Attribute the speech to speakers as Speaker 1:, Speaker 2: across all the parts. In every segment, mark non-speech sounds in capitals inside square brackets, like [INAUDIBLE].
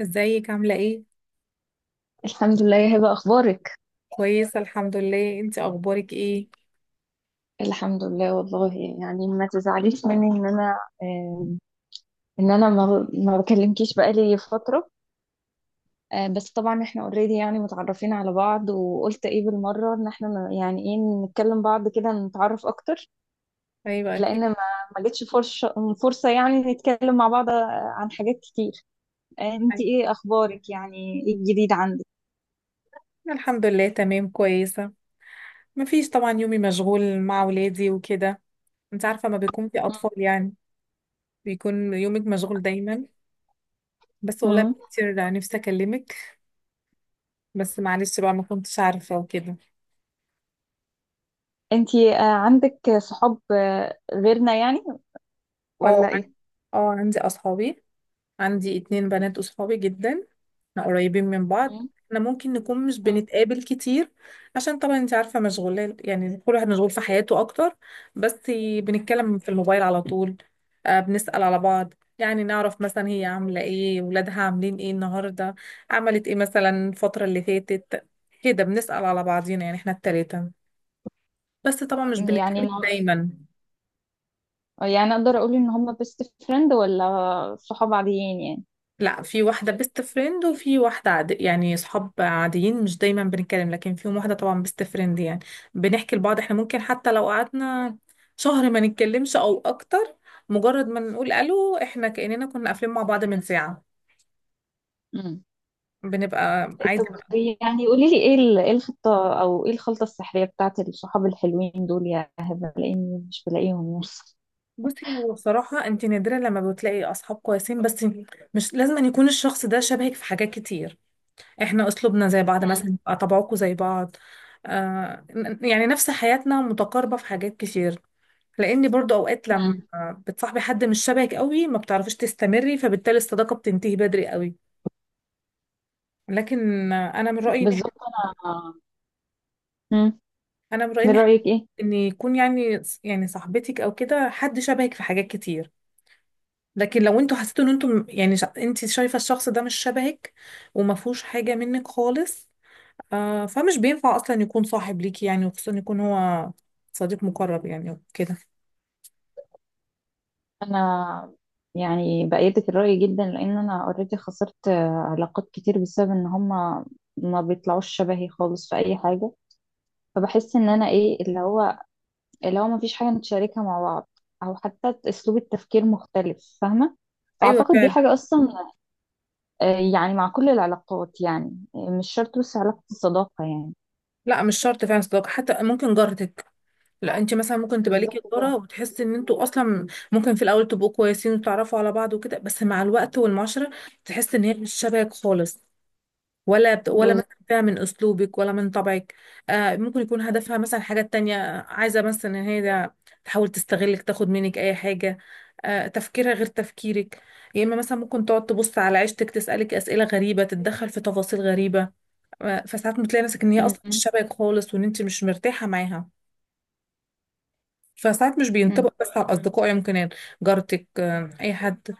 Speaker 1: ازيك عاملة ايه؟
Speaker 2: الحمد لله يا هبة أخبارك.
Speaker 1: كويسة الحمد لله، انت اخبارك ايه؟
Speaker 2: الحمد لله والله. يعني ما تزعليش مني إن أنا إن أنا ما بكلمكيش بقالي فترة. بس طبعا إحنا أوريدي يعني متعرفين على بعض وقلت إيه بالمرة إن إحنا إيه نتكلم بعض كده نتعرف أكتر.
Speaker 1: ايوه
Speaker 2: لأن
Speaker 1: اكيد.
Speaker 2: ما ما جتش فرصة يعني نتكلم مع بعض، عن حاجات كتير. إنتي
Speaker 1: أيوة.
Speaker 2: إيه أخبارك يعني، إيه الجديد عندك؟
Speaker 1: الحمد لله تمام كويسة. مفيش طبعا، يومي مشغول مع ولادي وكده. انت عارفة ما بيكون في
Speaker 2: مم.
Speaker 1: اطفال يعني بيكون يومك مشغول دايما. بس والله
Speaker 2: مم.
Speaker 1: كتير نفسي اكلمك، بس معلش بقى ما كنتش عارفة وكده.
Speaker 2: إنتي عندك صحاب غيرنا يعني
Speaker 1: اه.
Speaker 2: ولا إيه؟
Speaker 1: اه عندي اصحابي، عندي اتنين بنات أصحابي جدا، احنا قريبين من بعض.
Speaker 2: مم.
Speaker 1: احنا ممكن نكون مش بنتقابل كتير عشان طبعا انت عارفة مشغولة، يعني كل واحد مشغول في حياته أكتر، بس
Speaker 2: مم.
Speaker 1: بنتكلم في الموبايل على طول. بنسأل على بعض، يعني نعرف مثلا هي عاملة ايه، ولادها عاملين ايه النهاردة، عملت ايه مثلا الفترة اللي فاتت. كده بنسأل على بعضينا، يعني احنا التلاتة. بس طبعا مش
Speaker 2: يعني
Speaker 1: بنتقابل
Speaker 2: أنا-
Speaker 1: دايما.
Speaker 2: يعني اقدر اقول ان هم بيست فريند ولا صحاب عاديين يعني؟
Speaker 1: لا، في واحدة بيست فريند وفي واحدة يعني صحاب عاديين مش دايما بنتكلم، لكن فيهم واحدة طبعا بيست فريند يعني بنحكي لبعض. احنا ممكن حتى لو قعدنا شهر ما نتكلمش او اكتر، مجرد ما نقول الو احنا كأننا كنا قافلين مع بعض من ساعة.
Speaker 2: امم.
Speaker 1: بنبقى عايزة
Speaker 2: طب
Speaker 1: بقى.
Speaker 2: يعني قولي لي ايه الخطة او ايه الخلطة السحرية بتاعت الصحاب الحلوين دول يا هبة لاني مش بلاقيهم؟
Speaker 1: بصي، هو بصراحة انت نادرا لما بتلاقي اصحاب كويسين، بس مش لازم أن يكون الشخص ده شبهك في حاجات كتير. احنا اسلوبنا زي بعض مثلا،
Speaker 2: يعني.
Speaker 1: يبقى طبعكم زي بعض. آه، يعني نفس حياتنا متقاربة في حاجات كتير، لان برضو اوقات لما
Speaker 2: امم.
Speaker 1: بتصاحبي حد مش شبهك قوي ما بتعرفيش تستمري، فبالتالي الصداقه بتنتهي بدري قوي. لكن انا من رايي ان إحنا-
Speaker 2: بالظبط انا. مم.
Speaker 1: انا من رايي
Speaker 2: من
Speaker 1: ان
Speaker 2: رأيك ايه؟
Speaker 1: ان يكون يعني صاحبتك او كده حد شبهك في حاجات كتير. لكن لو انتوا حسيتوا ان انتوا يعني انت شايفه الشخص ده مش شبهك وما فيهوش حاجه منك خالص، فمش بينفع اصلا يكون صاحب ليكي، يعني وخصوصا يكون هو صديق مقرب يعني كده.
Speaker 2: انا يعني بأيدك الرأي جدا لان انا اوريدي خسرت، علاقات كتير بسبب ان هم ما بيطلعوش شبهي خالص في اي حاجة. فبحس ان انا ايه اللي هو مفيش حاجة نتشاركها مع بعض، أو حتى أسلوب التفكير مختلف، فاهمة؟
Speaker 1: ايوه
Speaker 2: فأعتقد دي
Speaker 1: فعلا.
Speaker 2: حاجة أصلا. آه، يعني مع كل العلاقات يعني، مش شرط بس علاقة الصداقة يعني.
Speaker 1: لا مش شرط فعلا صداقه، حتى ممكن جارتك. لا انت مثلا ممكن تبقى ليكي
Speaker 2: بالظبط كده.
Speaker 1: تجاره وتحسي ان انتوا اصلا ممكن في الاول تبقوا كويسين وتتعرفوا على بعض وكده، بس مع الوقت والمعاشره تحس ان هي مش شبهك خالص، ولا
Speaker 2: بالظبط.
Speaker 1: مثلا فيها من اسلوبك ولا من طبعك. آه ممكن يكون هدفها مثلا حاجه تانية، عايزه مثلا تحاول تستغلك، تاخد منك اي حاجه، آه تفكيرها غير تفكيرك. يا اما مثلا ممكن تقعد تبص على عيشتك، تسالك اسئله غريبه، تتدخل في تفاصيل غريبه. فساعات بتلاقي نفسك ان هي
Speaker 2: م-
Speaker 1: اصلا مش
Speaker 2: م-
Speaker 1: شبهك خالص وان انت مش مرتاحه معاها. فساعات مش
Speaker 2: م.
Speaker 1: بينطبق بس على الأصدقاء يمكن، يعني جارتك، أي حد.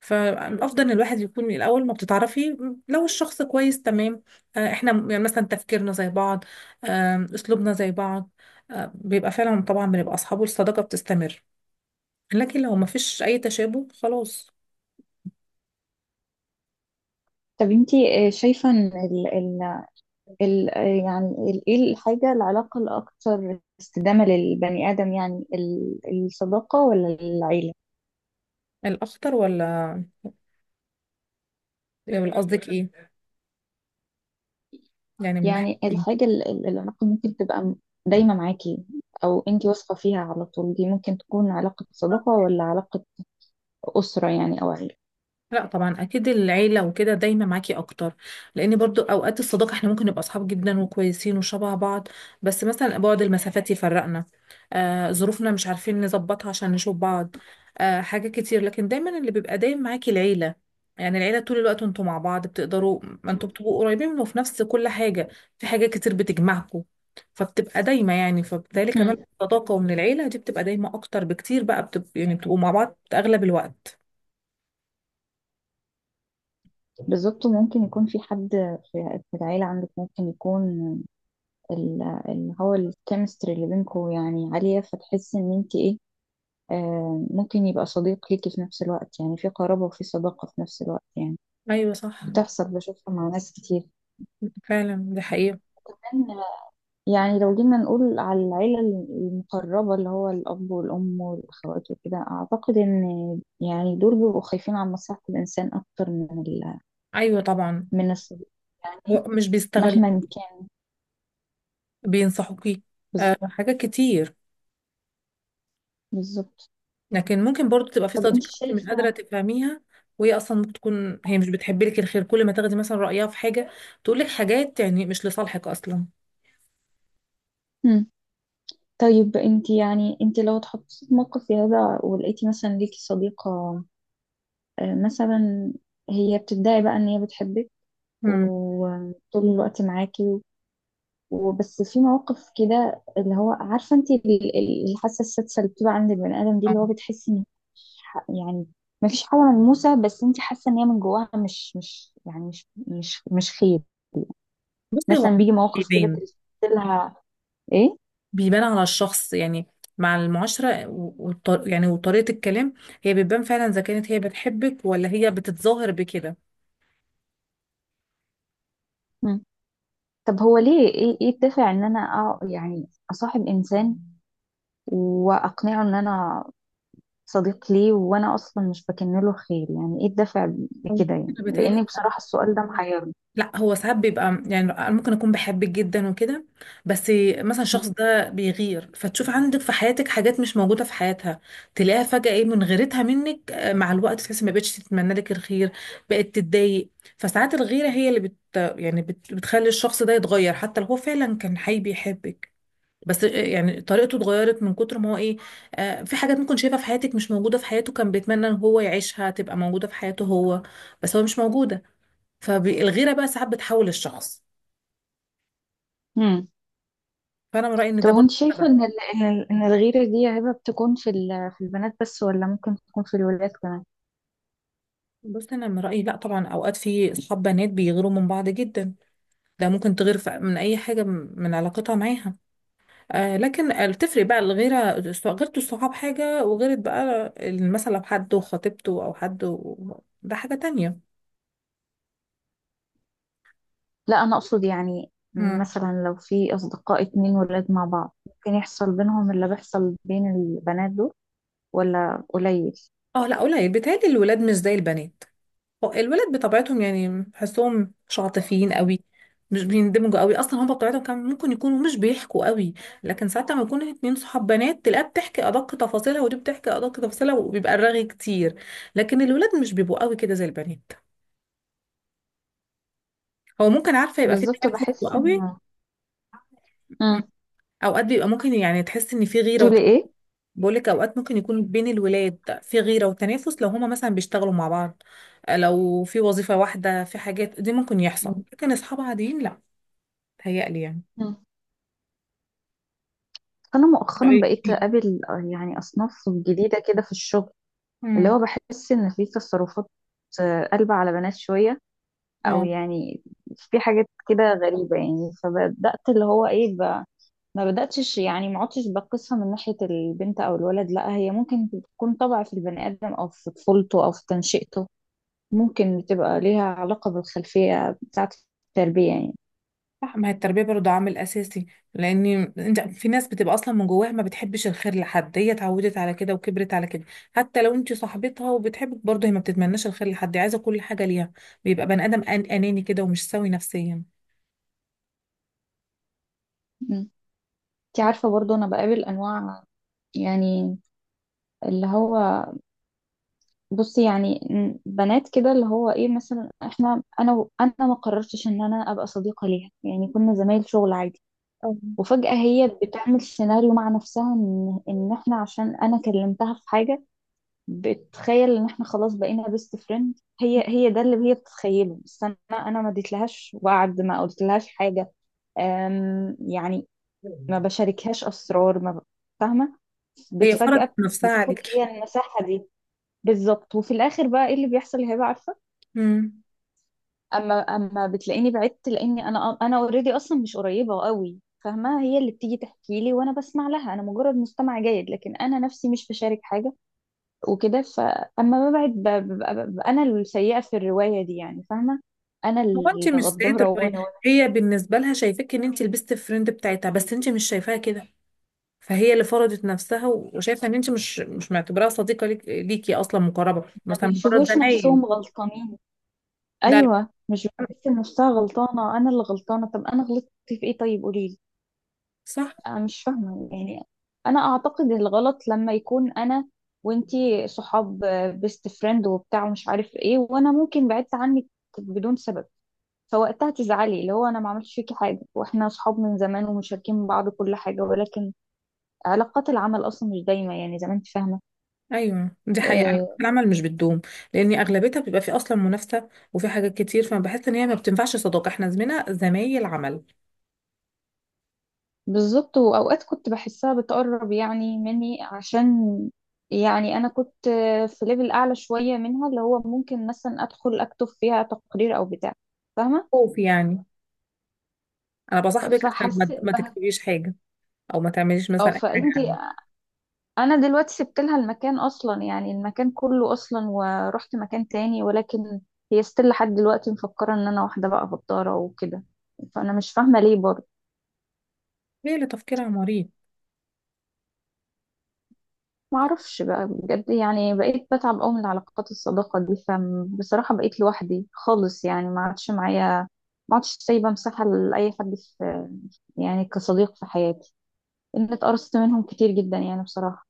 Speaker 1: فالأفضل إن الواحد يكون من الأول ما بتتعرفي، لو الشخص كويس تمام، إحنا يعني مثلا تفكيرنا زي بعض، أسلوبنا زي بعض، بيبقى فعلا طبعا بنبقى أصحاب والصداقة بتستمر. لكن لو ما فيش أي تشابه خلاص.
Speaker 2: طب انتي شايفة ان ال ال ال يعني ال- ايه الحاجة العلاقة الأكثر استدامة للبني آدم يعني الصداقة ولا العيلة؟
Speaker 1: الأخطر ولا، ولا قصدك إيه، يعني من ناحية
Speaker 2: يعني
Speaker 1: إيه.
Speaker 2: العلاقة ممكن تبقى دايمة معاكي، أو أنتي واثقة فيها على طول. دي ممكن تكون علاقة صداقة ولا علاقة أسرة يعني أو عيلة؟
Speaker 1: لا طبعا اكيد العيله وكده دايما معاكي اكتر، لان برضو اوقات الصداقه احنا ممكن نبقى اصحاب جدا وكويسين وشبه بعض، بس مثلا بعد المسافات يفرقنا، آه ظروفنا مش عارفين نظبطها عشان نشوف بعض، آه حاجه كتير. لكن دايما اللي بيبقى دايما معاكي العيله، يعني العيله طول الوقت انتوا مع بعض، بتقدروا ما انتوا
Speaker 2: مم.
Speaker 1: بتبقوا قريبين وفي نفس كل حاجه، في حاجه كتير بتجمعكم، فبتبقى دايما يعني، فبالتالي كمان
Speaker 2: مم.
Speaker 1: الصداقه ومن العيله دي بتبقى دايما اكتر بكتير بقى يعني بتبقوا مع بعض اغلب الوقت.
Speaker 2: بالظبط ممكن يكون في حد، في في العيلة عندك ممكن يكون ال- اللي هو الكيمستري اللي بينكم يعني عالية، فتحسي إن أنتي إيه، ممكن يبقى صديق ليكي في نفس الوقت، يعني في قرابة وفي صداقة في نفس الوقت يعني.
Speaker 1: ايوه صح.
Speaker 2: بتحصل، بشوفها مع ناس كتير
Speaker 1: فعلا دي حقيقة.
Speaker 2: كمان. يعني لو جينا نقول على العيلة المقربة اللي هو الأب والأم والأخوات وكده، أعتقد إن يعني دول بيبقوا خايفين على مصلحة الإنسان أكتر من
Speaker 1: أيوة طبعا،
Speaker 2: من الصديق
Speaker 1: هو
Speaker 2: يعني
Speaker 1: مش بيستغل،
Speaker 2: مهما كان.
Speaker 1: بينصحوكي، أه
Speaker 2: بالظبط.
Speaker 1: حاجات كتير.
Speaker 2: بالظبط.
Speaker 1: لكن ممكن برضو تبقى في
Speaker 2: طب أنت
Speaker 1: صديقة انت مش قادرة
Speaker 2: شايفة.
Speaker 1: تفهميها، وهي أصلا ممكن تكون هي مش بتحب لك الخير، كل ما تاخدي مثلا رأيها في حاجة تقول لك حاجات يعني مش لصالحك أصلا.
Speaker 2: مم. طيب أنت يعني أنت لو اتحطيتي في موقف زي هذا، ولقيتي مثلا ليكي صديقة، مثلا هي بتدعي بقى إن هي بتحبك
Speaker 1: امم.
Speaker 2: وطول الوقت معاكي، وبس في مواقف كده اللي هو عارفه انت الحاسه السادسه اللي بتبقى عند البني ادم دي، اللي هو بتحسي ان مفيش ح- يعني ما فيش حاجه ملموسه، بس انت حاسه ان هي من جواها مش مش يعني مش مش مش خير.
Speaker 1: بصي هو
Speaker 2: مثلا
Speaker 1: عموماً
Speaker 2: بيجي مواقف كده
Speaker 1: بيبان،
Speaker 2: تحسي لها. ايه؟
Speaker 1: بيبان على الشخص يعني، مع المعاشرة يعني وطريقة الكلام هي بتبان فعلا إذا كانت هي بتحبك ولا هي بتتظاهر بكده.
Speaker 2: مم. طب هو ليه، ايه الدافع ان انا اصاحب انسان واقنعه ان انا صديق ليه وانا اصلا مش بكن له خير؟ يعني ايه الدافع
Speaker 1: أو
Speaker 2: بكده؟
Speaker 1: بصي،
Speaker 2: يعني
Speaker 1: أنا
Speaker 2: لان
Speaker 1: بتهيألي
Speaker 2: بصراحه السؤال ده محيرني.
Speaker 1: لا، هو ساعات بيبقى يعني أنا ممكن اكون بحبك جدا وكده، بس مثلا الشخص ده بيغير، فتشوف عندك في حياتك حاجات مش موجوده في حياتها، تلاقيها فجاه ايه من غيرتها منك، آه، مع الوقت تحسي ما بقتش تتمنى لك الخير، بقت تتضايق. فساعات الغيره هي اللي بتخلي الشخص ده يتغير، حتى لو هو فعلا كان حي بيحبك، بس آه، يعني طريقته اتغيرت من كتر ما هو ايه، آه، في حاجات ممكن شايفها في حياتك مش موجوده في حياته، كان بيتمنى ان هو يعيشها تبقى موجوده في حياته هو، بس هو مش موجوده. فالغيره بقى ساعات بتحول الشخص.
Speaker 2: مم.
Speaker 1: فانا من رايي ان
Speaker 2: طب
Speaker 1: ده برضه
Speaker 2: وانت
Speaker 1: سبب.
Speaker 2: شايفة ان ان الغيرة دي يا هبة بتكون في في البنات بس ولا ممكن تكون في الولاد كمان؟
Speaker 1: بص انا من رايي لا طبعا، اوقات في اصحاب بنات بيغيروا من بعض جدا، ده ممكن تغير من اي حاجه من علاقتها معاها. آه لكن آه، بتفرق بقى الغيره، غيرت الصحاب حاجه، وغيرت بقى مثلا لو حد وخطيبته او حد و... ده حاجه تانية.
Speaker 2: لا انا اقصد يعني
Speaker 1: مم.
Speaker 2: مثلا لو في اصدقاء اتنين ولاد مع بعض، ممكن يحصل بينهم اللي بيحصل بين البنات دول ولا قليل؟
Speaker 1: اه لا قليل، بيتهيألي الولاد مش زي البنات. هو الولاد بطبيعتهم يعني بحسهم مش عاطفيين قوي، مش بيندمجوا قوي اصلا، هم بطبيعتهم كان ممكن يكونوا مش بيحكوا قوي. لكن ساعات لما يكون اتنين صحاب بنات، تلاقيها بتحكي ادق تفاصيلها، ودي بتحكي ادق تفاصيلها، وبيبقى الرغي كتير. لكن الولاد مش بيبقوا قوي كده زي البنات. هو ممكن عارفه يبقى في
Speaker 2: بالظبط
Speaker 1: تنافس
Speaker 2: بحس
Speaker 1: قوي.
Speaker 2: ان.
Speaker 1: م.
Speaker 2: امم.
Speaker 1: اوقات بيبقى ممكن يعني تحس ان في غيره وت...
Speaker 2: تقولي ايه؟
Speaker 1: بقولك اوقات ممكن يكون بين الولاد في غيره وتنافس لو هما مثلا بيشتغلوا مع بعض، لو في وظيفه واحده في حاجات دي ممكن يحصل، لكن اصحاب عاديين لا، تهيألي يعني.
Speaker 2: مم. انا مؤخرا
Speaker 1: رأيك
Speaker 2: بقيت
Speaker 1: إيه؟
Speaker 2: اقابل، يعني اصناف جديدة كده في الشغل، اللي
Speaker 1: امم.
Speaker 2: هو بحس ان في تصرفات قلبة على بنات شوية، او
Speaker 1: اه
Speaker 2: يعني في حاجات كده غريبة يعني. فبدأت اللي هو ايه ب... ما بدأتش يعني ما عدتش بقيسها من ناحية البنت او الولد، لا هي ممكن تكون طبع في البني آدم او في طفولته او في تنشئته. ممكن بتبقى ليها علاقة بالخلفية بتاعة التربية يعني.
Speaker 1: صح، ما هي التربية برضه عامل أساسي، لأن أنت في ناس بتبقى أصلا من جواها ما بتحبش الخير لحد، هي اتعودت على كده وكبرت على كده. حتى لو أنت صاحبتها وبتحبك، برضه هي ما بتتمناش الخير لحد، عايزة كل حاجة ليها، بيبقى بني آدم أناني كده ومش سوي نفسيا.
Speaker 2: مم. انت عارفة برضو انا بقابل انواع يعني، اللي هو بصي يعني بنات كده اللي هو ايه، مثلا احنا انا ما قررتش ان انا ابقى صديقة ليها، يعني كنا زمايل شغل عادي.
Speaker 1: أو.
Speaker 2: وفجأة هي بتعمل سيناريو مع نفسها ان احنا عشان انا كلمتها في حاجة، بتخيل ان احنا خلاص بقينا بيست فريند. هي ده اللي هي بتتخيله، بس انا ما اديتلهاش وعد، ما قلتلهاش حاجة، أم يعني ما بشاركهاش اسرار، ما ب- فاهمة
Speaker 1: هي فرضت
Speaker 2: بتفجأة
Speaker 1: نفسها
Speaker 2: بتاخد
Speaker 1: عليكي.
Speaker 2: هي المساحة دي. بالظبط. وفي الاخر بقى ايه اللي بيحصل هبة؟ عارفة،
Speaker 1: امم.
Speaker 2: اما اما بتلاقيني بعدت لاني انا اوريدي اصلا مش قريبه قوي، فاهمه؟ هي اللي بتيجي تحكي لي وانا بسمع لها، انا مجرد مستمع جيد، لكن انا نفسي مش بشارك حاجه وكده. فاما ببعد ببقى انا السيئه في الروايه دي يعني، فاهمه؟ انا
Speaker 1: هو أنت مش سيد
Speaker 2: الغداره وانا
Speaker 1: الرواية،
Speaker 2: وانا
Speaker 1: هي بالنسبة لها شايفاك إن أنت لبست الفريند بتاعتها، بس أنت مش شايفاها كده. فهي اللي فرضت نفسها وشايفه ان انت مش معتبراها صديقه ليكي اصلا مقربه،
Speaker 2: ما
Speaker 1: مثلا مجرد
Speaker 2: بيشوفوش
Speaker 1: زمايل.
Speaker 2: نفسهم غلطانين.
Speaker 1: لا لا.
Speaker 2: ايوه، مش بتحس إن نفسها غلطانه، انا اللي غلطانه. طب انا غلطت في ايه؟ طيب قولي.
Speaker 1: صح.
Speaker 2: انا مش فاهمه يعني. انا اعتقد الغلط لما يكون انا وانتي صحاب بيست فريند وبتاع ومش عارف ايه، وانا ممكن بعدت عنك بدون سبب، فوقتها تزعلي اللي هو انا ما عملتش فيكي حاجه واحنا صحاب من زمان ومشاركين بعض كل حاجه، ولكن علاقات العمل اصلا مش دايمه يعني زي ما انت فاهمه.
Speaker 1: ايوه دي حقيقه، على فكرة
Speaker 2: آه.
Speaker 1: العمل مش بتدوم، لان اغلبيتها بيبقى في اصلا منافسه وفي حاجات كتير، فانا بحس ان هي ما بتنفعش صداقه، احنا زمينا زمايل عمل.
Speaker 2: بالظبط. واوقات كنت بحسها بتقرب يعني مني عشان يعني انا كنت، في ليفل اعلى شويه منها، اللي هو ممكن مثلا ادخل اكتب فيها تقرير او بتاع، فاهمه؟
Speaker 1: خوف يعني، انا بصاحبك عشان ما
Speaker 2: فحسيت
Speaker 1: ما
Speaker 2: به...
Speaker 1: تكتبيش حاجه، او ما تعمليش
Speaker 2: او
Speaker 1: مثلا اي حاجه
Speaker 2: فانتي،
Speaker 1: عني.
Speaker 2: انا دلوقتي سبت لها المكان اصلا يعني، المكان كله اصلا، ورحت مكان تاني، ولكن هي ستيل لحد دلوقتي مفكره ان انا واحده بقى غداره وكده. فانا مش فاهمه ليه برضه.
Speaker 1: هي اللي تفكيرها مريض.
Speaker 2: ما اعرفش بقى بجد يعني، بقيت بتعب قوي من العلاقات الصداقه دي، فبصراحه بقيت لوحدي خالص يعني. ما عادش معايا، ما عادش سايبه مساحه لاي حد في يعني كصديق في حياتي، ان اتقرصت منهم كتير جدا يعني بصراحه.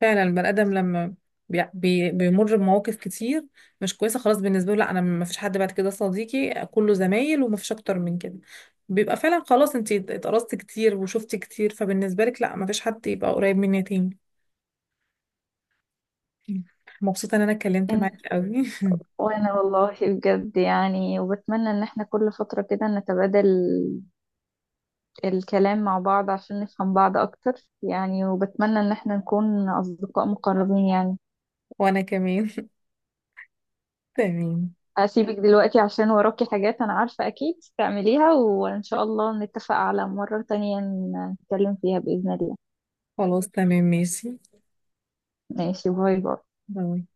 Speaker 1: فعلا البني ادم لما بيمر بمواقف كتير مش كويسه، خلاص بالنسبه له لا انا ما فيش حد بعد كده صديقي، كله زمايل وما فيش اكتر من كده. بيبقى فعلا خلاص انت اتقرصت كتير وشفت كتير، فبالنسبه لك لا، ما فيش حد يبقى قريب مني تاني. مبسوطه ان انا اتكلمت معاك قوي. [LAUGHS]
Speaker 2: وانا والله بجد يعني، وبتمنى ان احنا كل فترة كده نتبادل الكلام مع بعض عشان نفهم بعض اكتر يعني، وبتمنى ان احنا نكون اصدقاء مقربين يعني.
Speaker 1: وانا كمان. [LAUGHS] تمام.
Speaker 2: هسيبك دلوقتي عشان وراكي حاجات انا عارفة اكيد تعمليها، وان شاء الله نتفق على مرة تانية نتكلم فيها بإذن الله.
Speaker 1: خلاص تمام ماشي.
Speaker 2: ماشي، باي باي.
Speaker 1: باي.